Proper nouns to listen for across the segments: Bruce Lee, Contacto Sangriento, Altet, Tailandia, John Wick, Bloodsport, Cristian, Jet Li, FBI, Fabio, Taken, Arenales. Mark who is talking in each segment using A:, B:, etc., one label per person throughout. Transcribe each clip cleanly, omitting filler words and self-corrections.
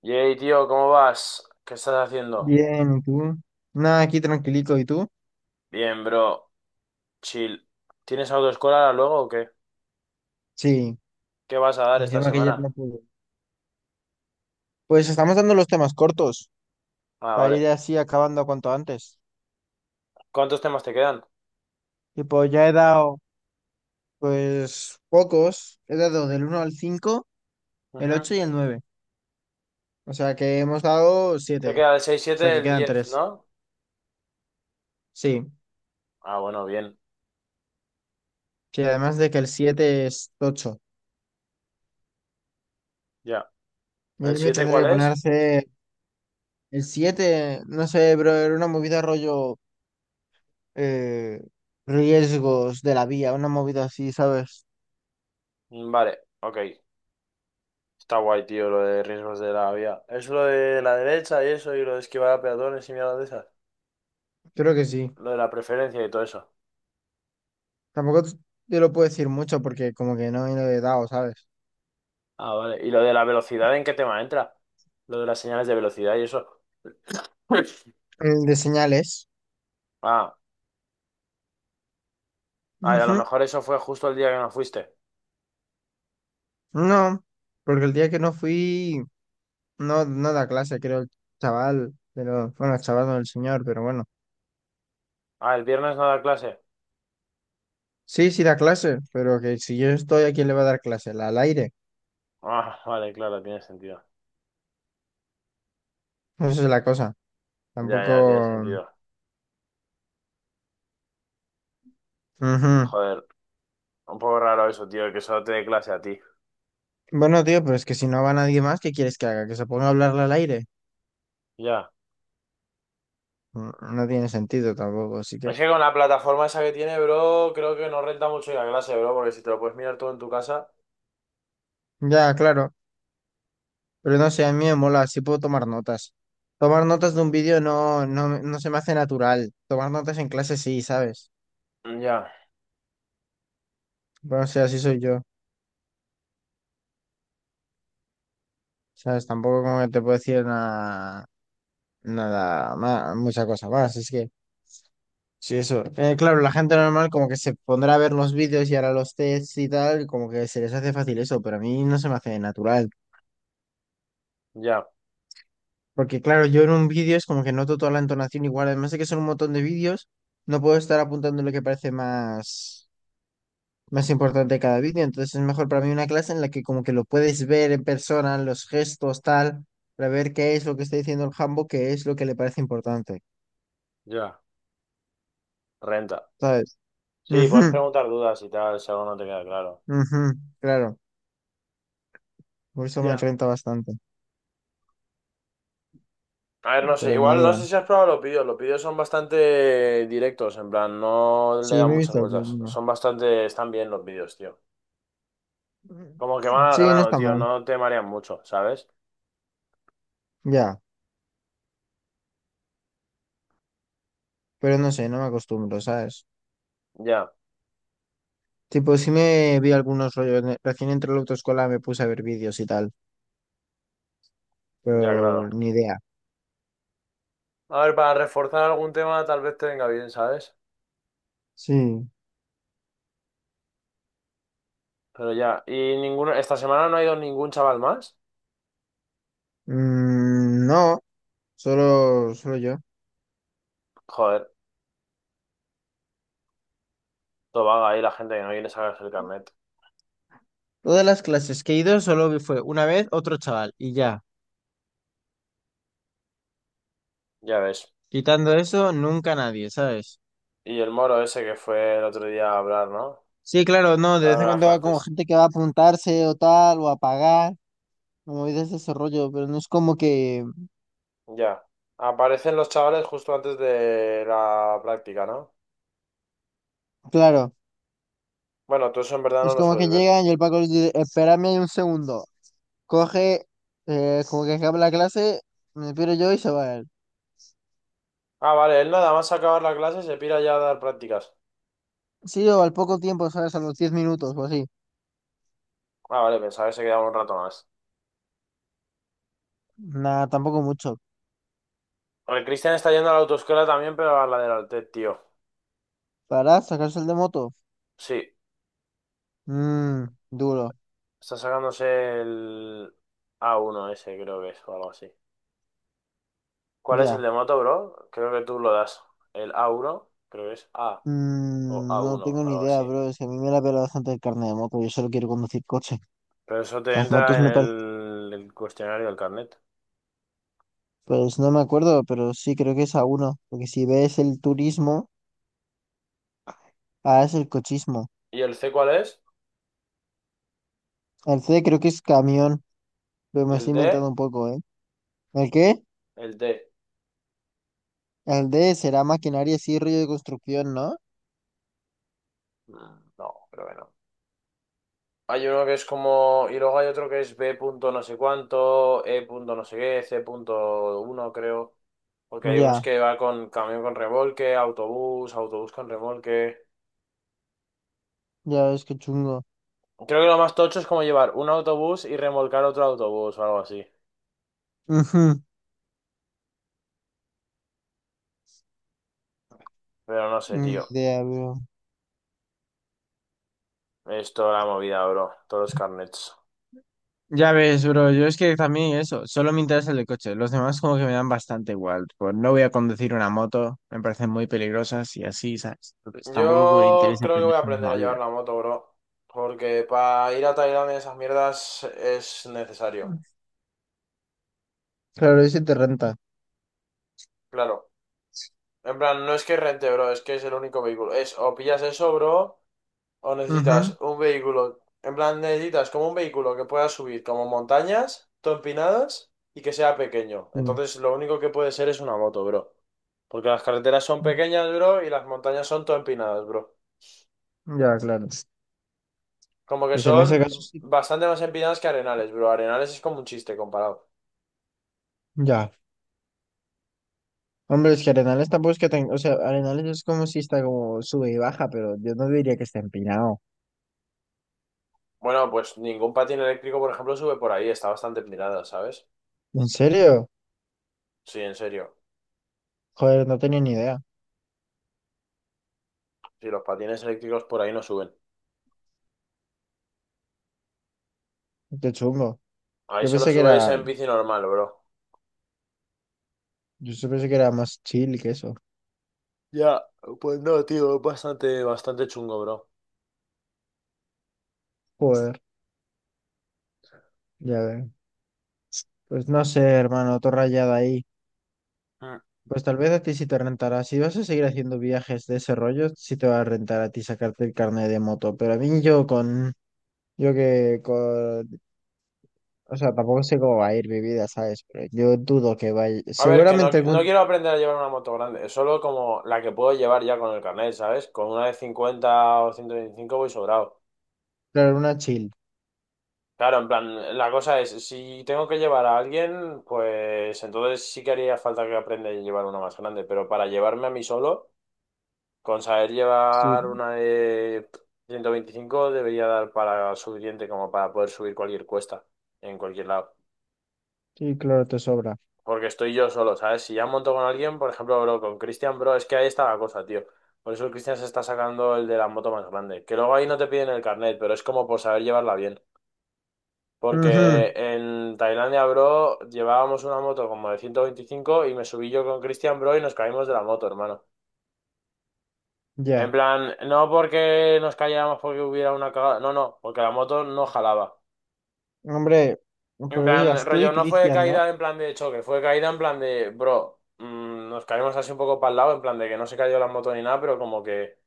A: Yey, tío, ¿cómo vas? ¿Qué estás haciendo?
B: Bien, ¿y tú? Nada, aquí tranquilito, ¿y tú?
A: Bien, bro. Chill. ¿Tienes autoescuela ahora luego o qué?
B: Sí,
A: ¿Qué vas a dar esta
B: encima que ya
A: semana?
B: no pude. Pues estamos dando los temas cortos
A: Ah,
B: para
A: vale.
B: ir así acabando cuanto antes.
A: ¿Cuántos temas te quedan?
B: Y pues ya he dado, pues, pocos. He dado del uno al cinco, el
A: Ujú.
B: 8 y el nueve. O sea que hemos dado
A: Se
B: siete.
A: queda el seis,
B: O sea
A: siete,
B: que
A: el
B: quedan
A: 10,
B: tres.
A: ¿no?
B: Sí,
A: Ah, bueno, bien.
B: sí, además de que el 7 es ocho.
A: Ya.
B: Y
A: ¿El
B: ahí me
A: siete,
B: tendré
A: cuál
B: que poner a
A: es?
B: hacer. El 7 no sé, bro, era una movida rollo, eh, riesgos de la vía, una movida así, ¿sabes?
A: Mm, vale, ok. Está guay, tío, lo de riesgos de la vía. Es lo de la derecha y eso, y lo de esquivar a peatones y mierda de esas.
B: Creo que sí.
A: Lo de la preferencia y todo eso.
B: Tampoco te lo puedo decir mucho porque como que no viene de dado, ¿sabes?
A: Ah, vale. ¿Y lo de la velocidad en qué tema entra? Lo de las señales de velocidad y eso.
B: El de señales.
A: Ah. Ay, a lo
B: Ujú.
A: mejor eso fue justo el día que no fuiste.
B: No, porque el día que no fui, no, no da clase, creo, el chaval, pero bueno, el chaval no el señor, pero bueno.
A: Ah, el viernes no da clase.
B: Sí, sí da clase, pero que si yo estoy, ¿a quién le va a dar clase? Al aire.
A: Ah, vale, claro, tiene sentido.
B: Esa es la cosa.
A: Ya, ya, tiene
B: Tampoco.
A: sentido.
B: Ujú.
A: Joder, un poco raro eso, tío, que solo te dé clase a ti.
B: Bueno, tío, pero es que si no va nadie más, ¿qué quieres que haga? ¿Que se ponga a hablarle al aire?
A: Ya.
B: No tiene sentido tampoco, así que.
A: Es que con la plataforma esa que tiene, bro, creo que no renta mucho ir a clase, bro, porque si te lo puedes mirar todo en tu casa.
B: Ya, claro. Pero no sé, a mí me mola, sí puedo tomar notas. Tomar notas de un vídeo no, no, no se me hace natural. Tomar notas en clase sí, ¿sabes?
A: Mm, ya,
B: Bueno, o sea, así soy yo. ¿Sabes? Tampoco como que te puedo decir nada, nada más, mucha cosa más. Es que, sí, eso. Claro, la gente normal como que se pondrá a ver los vídeos y hará los tests y tal, y como que se les hace fácil eso, pero a mí no se me hace natural.
A: ya,
B: Porque claro, yo en un vídeo es como que noto toda la entonación igual, además de que son un montón de vídeos, no puedo estar apuntando lo que parece más importante cada vídeo. Entonces es mejor para mí una clase en la que como que lo puedes ver en persona, los gestos, tal, para ver qué es lo que está diciendo el jambo, qué es lo que le parece importante,
A: ya. Renta.
B: ¿sabes?
A: Sí, puedes
B: Ujú,
A: preguntar dudas y tal, si algo no te queda claro.
B: ujú, claro, por eso me
A: Ya.
B: renta bastante,
A: A ver, no sé,
B: pero ni
A: igual no
B: idea.
A: sé si has probado los vídeos. Los vídeos son bastante directos, en plan, no le
B: Sí,
A: dan
B: me he
A: muchas
B: visto
A: vueltas.
B: alguna.
A: Son bastante, están bien los vídeos, tío. Como que van al
B: Sí, no
A: grano,
B: está
A: tío,
B: mal,
A: no te marean mucho, ¿sabes?
B: ya, pero no sé, no me acostumbro, ¿sabes?
A: Ya,
B: Tipo, sí me vi algunos rollos, recién entré a la autoescuela me puse a ver vídeos y tal,
A: ya, claro.
B: pero ni idea.
A: A ver, para reforzar algún tema tal vez te venga bien, ¿sabes?
B: Sí.
A: Pero ya, y ninguno, esta semana no ha ido ningún chaval más.
B: Mm, no. Solo, solo yo.
A: Joder, todo vaga ahí la gente que no viene a sacarse el carnet.
B: Todas las clases que he ido solo fue una vez otro chaval y ya.
A: Ya ves.
B: Quitando eso, nunca nadie, ¿sabes?
A: Y el moro ese que fue el otro día a hablar, ¿no?
B: Sí, claro, no, de
A: A
B: vez en
A: hablar
B: cuando va como
A: francés.
B: gente que va a apuntarse o tal, o a pagar, o movidas de ese rollo, pero no es como que,
A: Ya. Aparecen los chavales justo antes de la práctica, ¿no?
B: claro,
A: Bueno, tú eso en verdad no
B: es
A: lo
B: como
A: sueles
B: que
A: ver.
B: llegan y el Paco les dice, espérame ahí un segundo, coge, como que acaba la clase, me piro yo y se va él.
A: Ah, vale, él nada más acabar la clase se pira ya a dar prácticas.
B: Sí, o al poco tiempo, ¿sabes? A los 10 minutos o así.
A: Ah, vale, pensaba que se quedaba un rato más.
B: Nada, tampoco mucho.
A: El Cristian está yendo a la autoescuela también, pero a la del Altet, tío.
B: Para sacarse el de moto.
A: Sí,
B: Mmm, Duro,
A: está sacándose el a uno, ese, creo que es, o algo así. ¿Cuál es el
B: ya.
A: de moto, bro? Creo que tú lo das. El a uno, creo que es A o a
B: No
A: uno,
B: tengo ni
A: algo
B: idea,
A: así.
B: bro. Es que a mí me la pela bastante el carnet de moto. Yo solo quiero conducir coche.
A: Pero eso te
B: Las
A: entra
B: motos
A: en
B: me parecen.
A: el cuestionario del carnet.
B: Pues no me acuerdo, pero sí, creo que es A1. Porque si B es el turismo, A es el cochismo.
A: ¿Y el C cuál es?
B: El C creo que es camión. Pero
A: ¿Y
B: me
A: el
B: estoy
A: D?
B: inventando un poco, ¿eh? ¿El qué?
A: El D.
B: El D será maquinaria, sí, rollo de construcción, ¿no?
A: Mm, no, creo que no. Hay uno que es como. Y luego hay otro que es B punto no sé cuánto, E punto no sé qué, C punto uno, creo. Porque hay unos
B: Ya,
A: que va con camión con remolque, autobús, autobús con remolque.
B: ya ves que chungo.
A: Creo que lo más tocho es como llevar un autobús y remolcar otro autobús o algo así. Pero no sé,
B: Ujú. Ni
A: tío.
B: idea, bro.
A: Es toda la movida, bro. Todos los carnets.
B: Ya ves, bro, yo es que también eso, solo me interesa el de coche. Los demás como que me dan bastante igual. Pues no voy a conducir una moto, me parecen muy peligrosas y así, ¿sabes? Entonces tampoco me
A: Yo
B: interesa
A: creo que voy
B: aprender
A: a aprender a
B: una vida.
A: llevar la moto, bro. Porque para ir a Tailandia y esas mierdas es necesario.
B: Claro, y si te renta.
A: Claro, en plan, no es que rente, bro, es que es el único vehículo. Es o pillas eso, bro, o
B: Ujú,
A: necesitas un vehículo. En plan, necesitas como un vehículo que pueda subir como montañas, todo empinadas y que sea pequeño.
B: sí.
A: Entonces, lo único que puede ser es una moto, bro. Porque las carreteras son pequeñas, bro, y las montañas son todo empinadas, bro.
B: Ya, claro.
A: Como que
B: Pues en
A: son
B: ese caso sí.
A: bastante más empinadas que Arenales, bro. Arenales es como un chiste comparado.
B: Ya. Hombre, es que Arenales tampoco es que tenga. O sea, Arenales es como si está como sube y baja, pero yo no diría que está empinado.
A: Bueno, pues ningún patín eléctrico, por ejemplo, sube por ahí, está bastante empinada, ¿sabes?
B: ¿En serio?
A: Sí, en serio.
B: Joder, no tenía ni idea.
A: Sí, los patines eléctricos por ahí no suben.
B: Qué chungo.
A: Ahí
B: Yo
A: solo
B: pensé que
A: subes
B: era.
A: en bici normal, bro.
B: Yo sí pensé que era más chill que eso.
A: Ya, pues no, tío, es bastante, bastante chungo, bro.
B: Joder. Ya veo. Pues no sé, hermano, todo rayado ahí.
A: Mm.
B: Pues tal vez a ti sí te rentará. Si vas a seguir haciendo viajes de ese rollo, sí te va a rentar a ti sacarte el carnet de moto. Pero a mí yo con. Yo que con. O sea, tampoco sé cómo va a ir mi vida, ¿sabes? Pero yo dudo que vaya.
A: A ver, que no,
B: Seguramente
A: no
B: algún.
A: quiero aprender a llevar una moto grande. Es solo como la que puedo llevar ya con el carnet, ¿sabes? Con una de 50 o 125 voy sobrado.
B: Claro, una chill.
A: Claro, en plan, la cosa es, si tengo que llevar a alguien, pues entonces sí que haría falta que aprenda a llevar una más grande, pero para llevarme a mí solo. Con saber llevar
B: Sí,
A: una de 125 debería dar para suficiente como para poder subir cualquier cuesta en cualquier lado.
B: sí, claro, te sobra.
A: Porque estoy yo solo, ¿sabes? Si ya monto con alguien, por ejemplo, bro, con Cristian, bro, es que ahí está la cosa, tío. Por eso el Cristian se está sacando el de la moto más grande. Que luego ahí no te piden el carnet, pero es como por saber llevarla bien.
B: Ujú,
A: Porque en Tailandia, bro, llevábamos una moto como de 125 y me subí yo con Cristian, bro, y nos caímos de la moto, hermano. En
B: ya.
A: plan, no porque nos cayéramos porque hubiera una cagada, no, no, porque la moto no jalaba.
B: Hombre,
A: En
B: pero
A: plan,
B: ibas tú
A: rollo,
B: y
A: no fue
B: Cristian, ¿no?
A: caída en plan de choque, fue caída en plan de, bro, nos caímos así un poco para el lado, en plan de que no se cayó la moto ni nada, pero como que,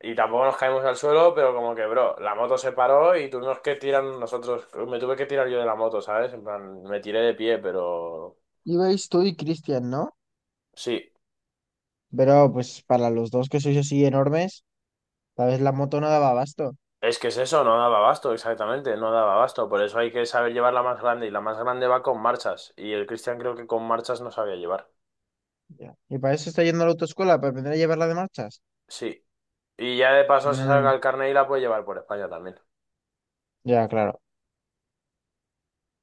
A: y tampoco nos caímos al suelo, pero como que, bro, la moto se paró y tuvimos que tirar nosotros, me tuve que tirar yo de la moto, ¿sabes? En plan, me tiré de pie, pero
B: Ibais tú y Cristian, ¿no?
A: sí.
B: Pero pues para los dos que sois así enormes, tal vez la moto no daba abasto.
A: Es que es eso, no daba abasto, exactamente, no daba abasto. Por eso hay que saber llevar la más grande y la más grande va con marchas. Y el Cristian creo que con marchas no sabía llevar.
B: Ya. Y para eso está yendo a la autoescuela, para aprender a llevarla de marchas.
A: Sí. Y ya de paso se saca
B: Mm,
A: el carnet y la puede llevar por España también.
B: ya, claro.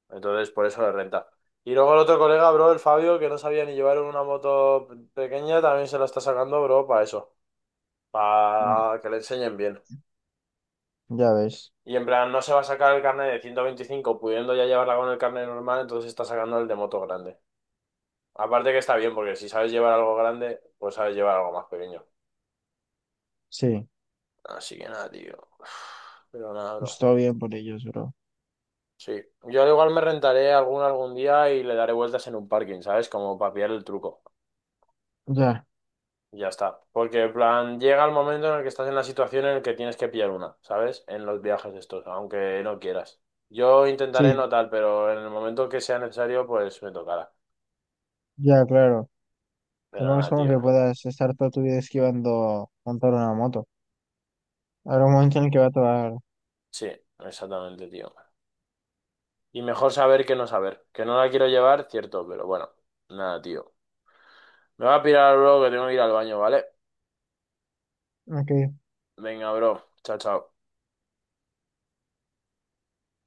A: Entonces, por eso le renta. Y luego el otro colega, bro, el Fabio, que no sabía ni llevar una moto pequeña, también se la está sacando, bro, para eso.
B: Mm,
A: Para que le enseñen bien.
B: ya ves.
A: Y en plan, no se va a sacar el carnet de 125 pudiendo ya llevarla con el carnet normal, entonces está sacando el de moto grande. Aparte que está bien, porque si sabes llevar algo grande, pues sabes llevar algo más pequeño.
B: Sí,
A: Así que nada, tío. Uf. Pero nada, bro.
B: pues todo bien por ellos, bro.
A: Sí. Yo al igual me rentaré algún día y le daré vueltas en un parking, ¿sabes? Como para pillar el truco.
B: Ya,
A: Y ya está. Porque, en plan, llega el momento en el que estás en la situación en el que tienes que pillar una, ¿sabes? En los viajes estos, aunque no quieras. Yo intentaré
B: sí,
A: no tal, pero en el momento que sea necesario, pues me tocará.
B: ya, claro.
A: Pero
B: Tampoco es
A: nada,
B: como
A: tío.
B: que puedas estar toda tu vida esquivando montar una moto. Habrá un momento en el que va a tocar.
A: Sí, exactamente, tío. Y mejor saber. Que no la quiero llevar, cierto, pero bueno. Nada, tío. Me voy a pirar, bro, que tengo que ir al baño, ¿vale?
B: Ok.
A: Venga, bro. Chao, chao.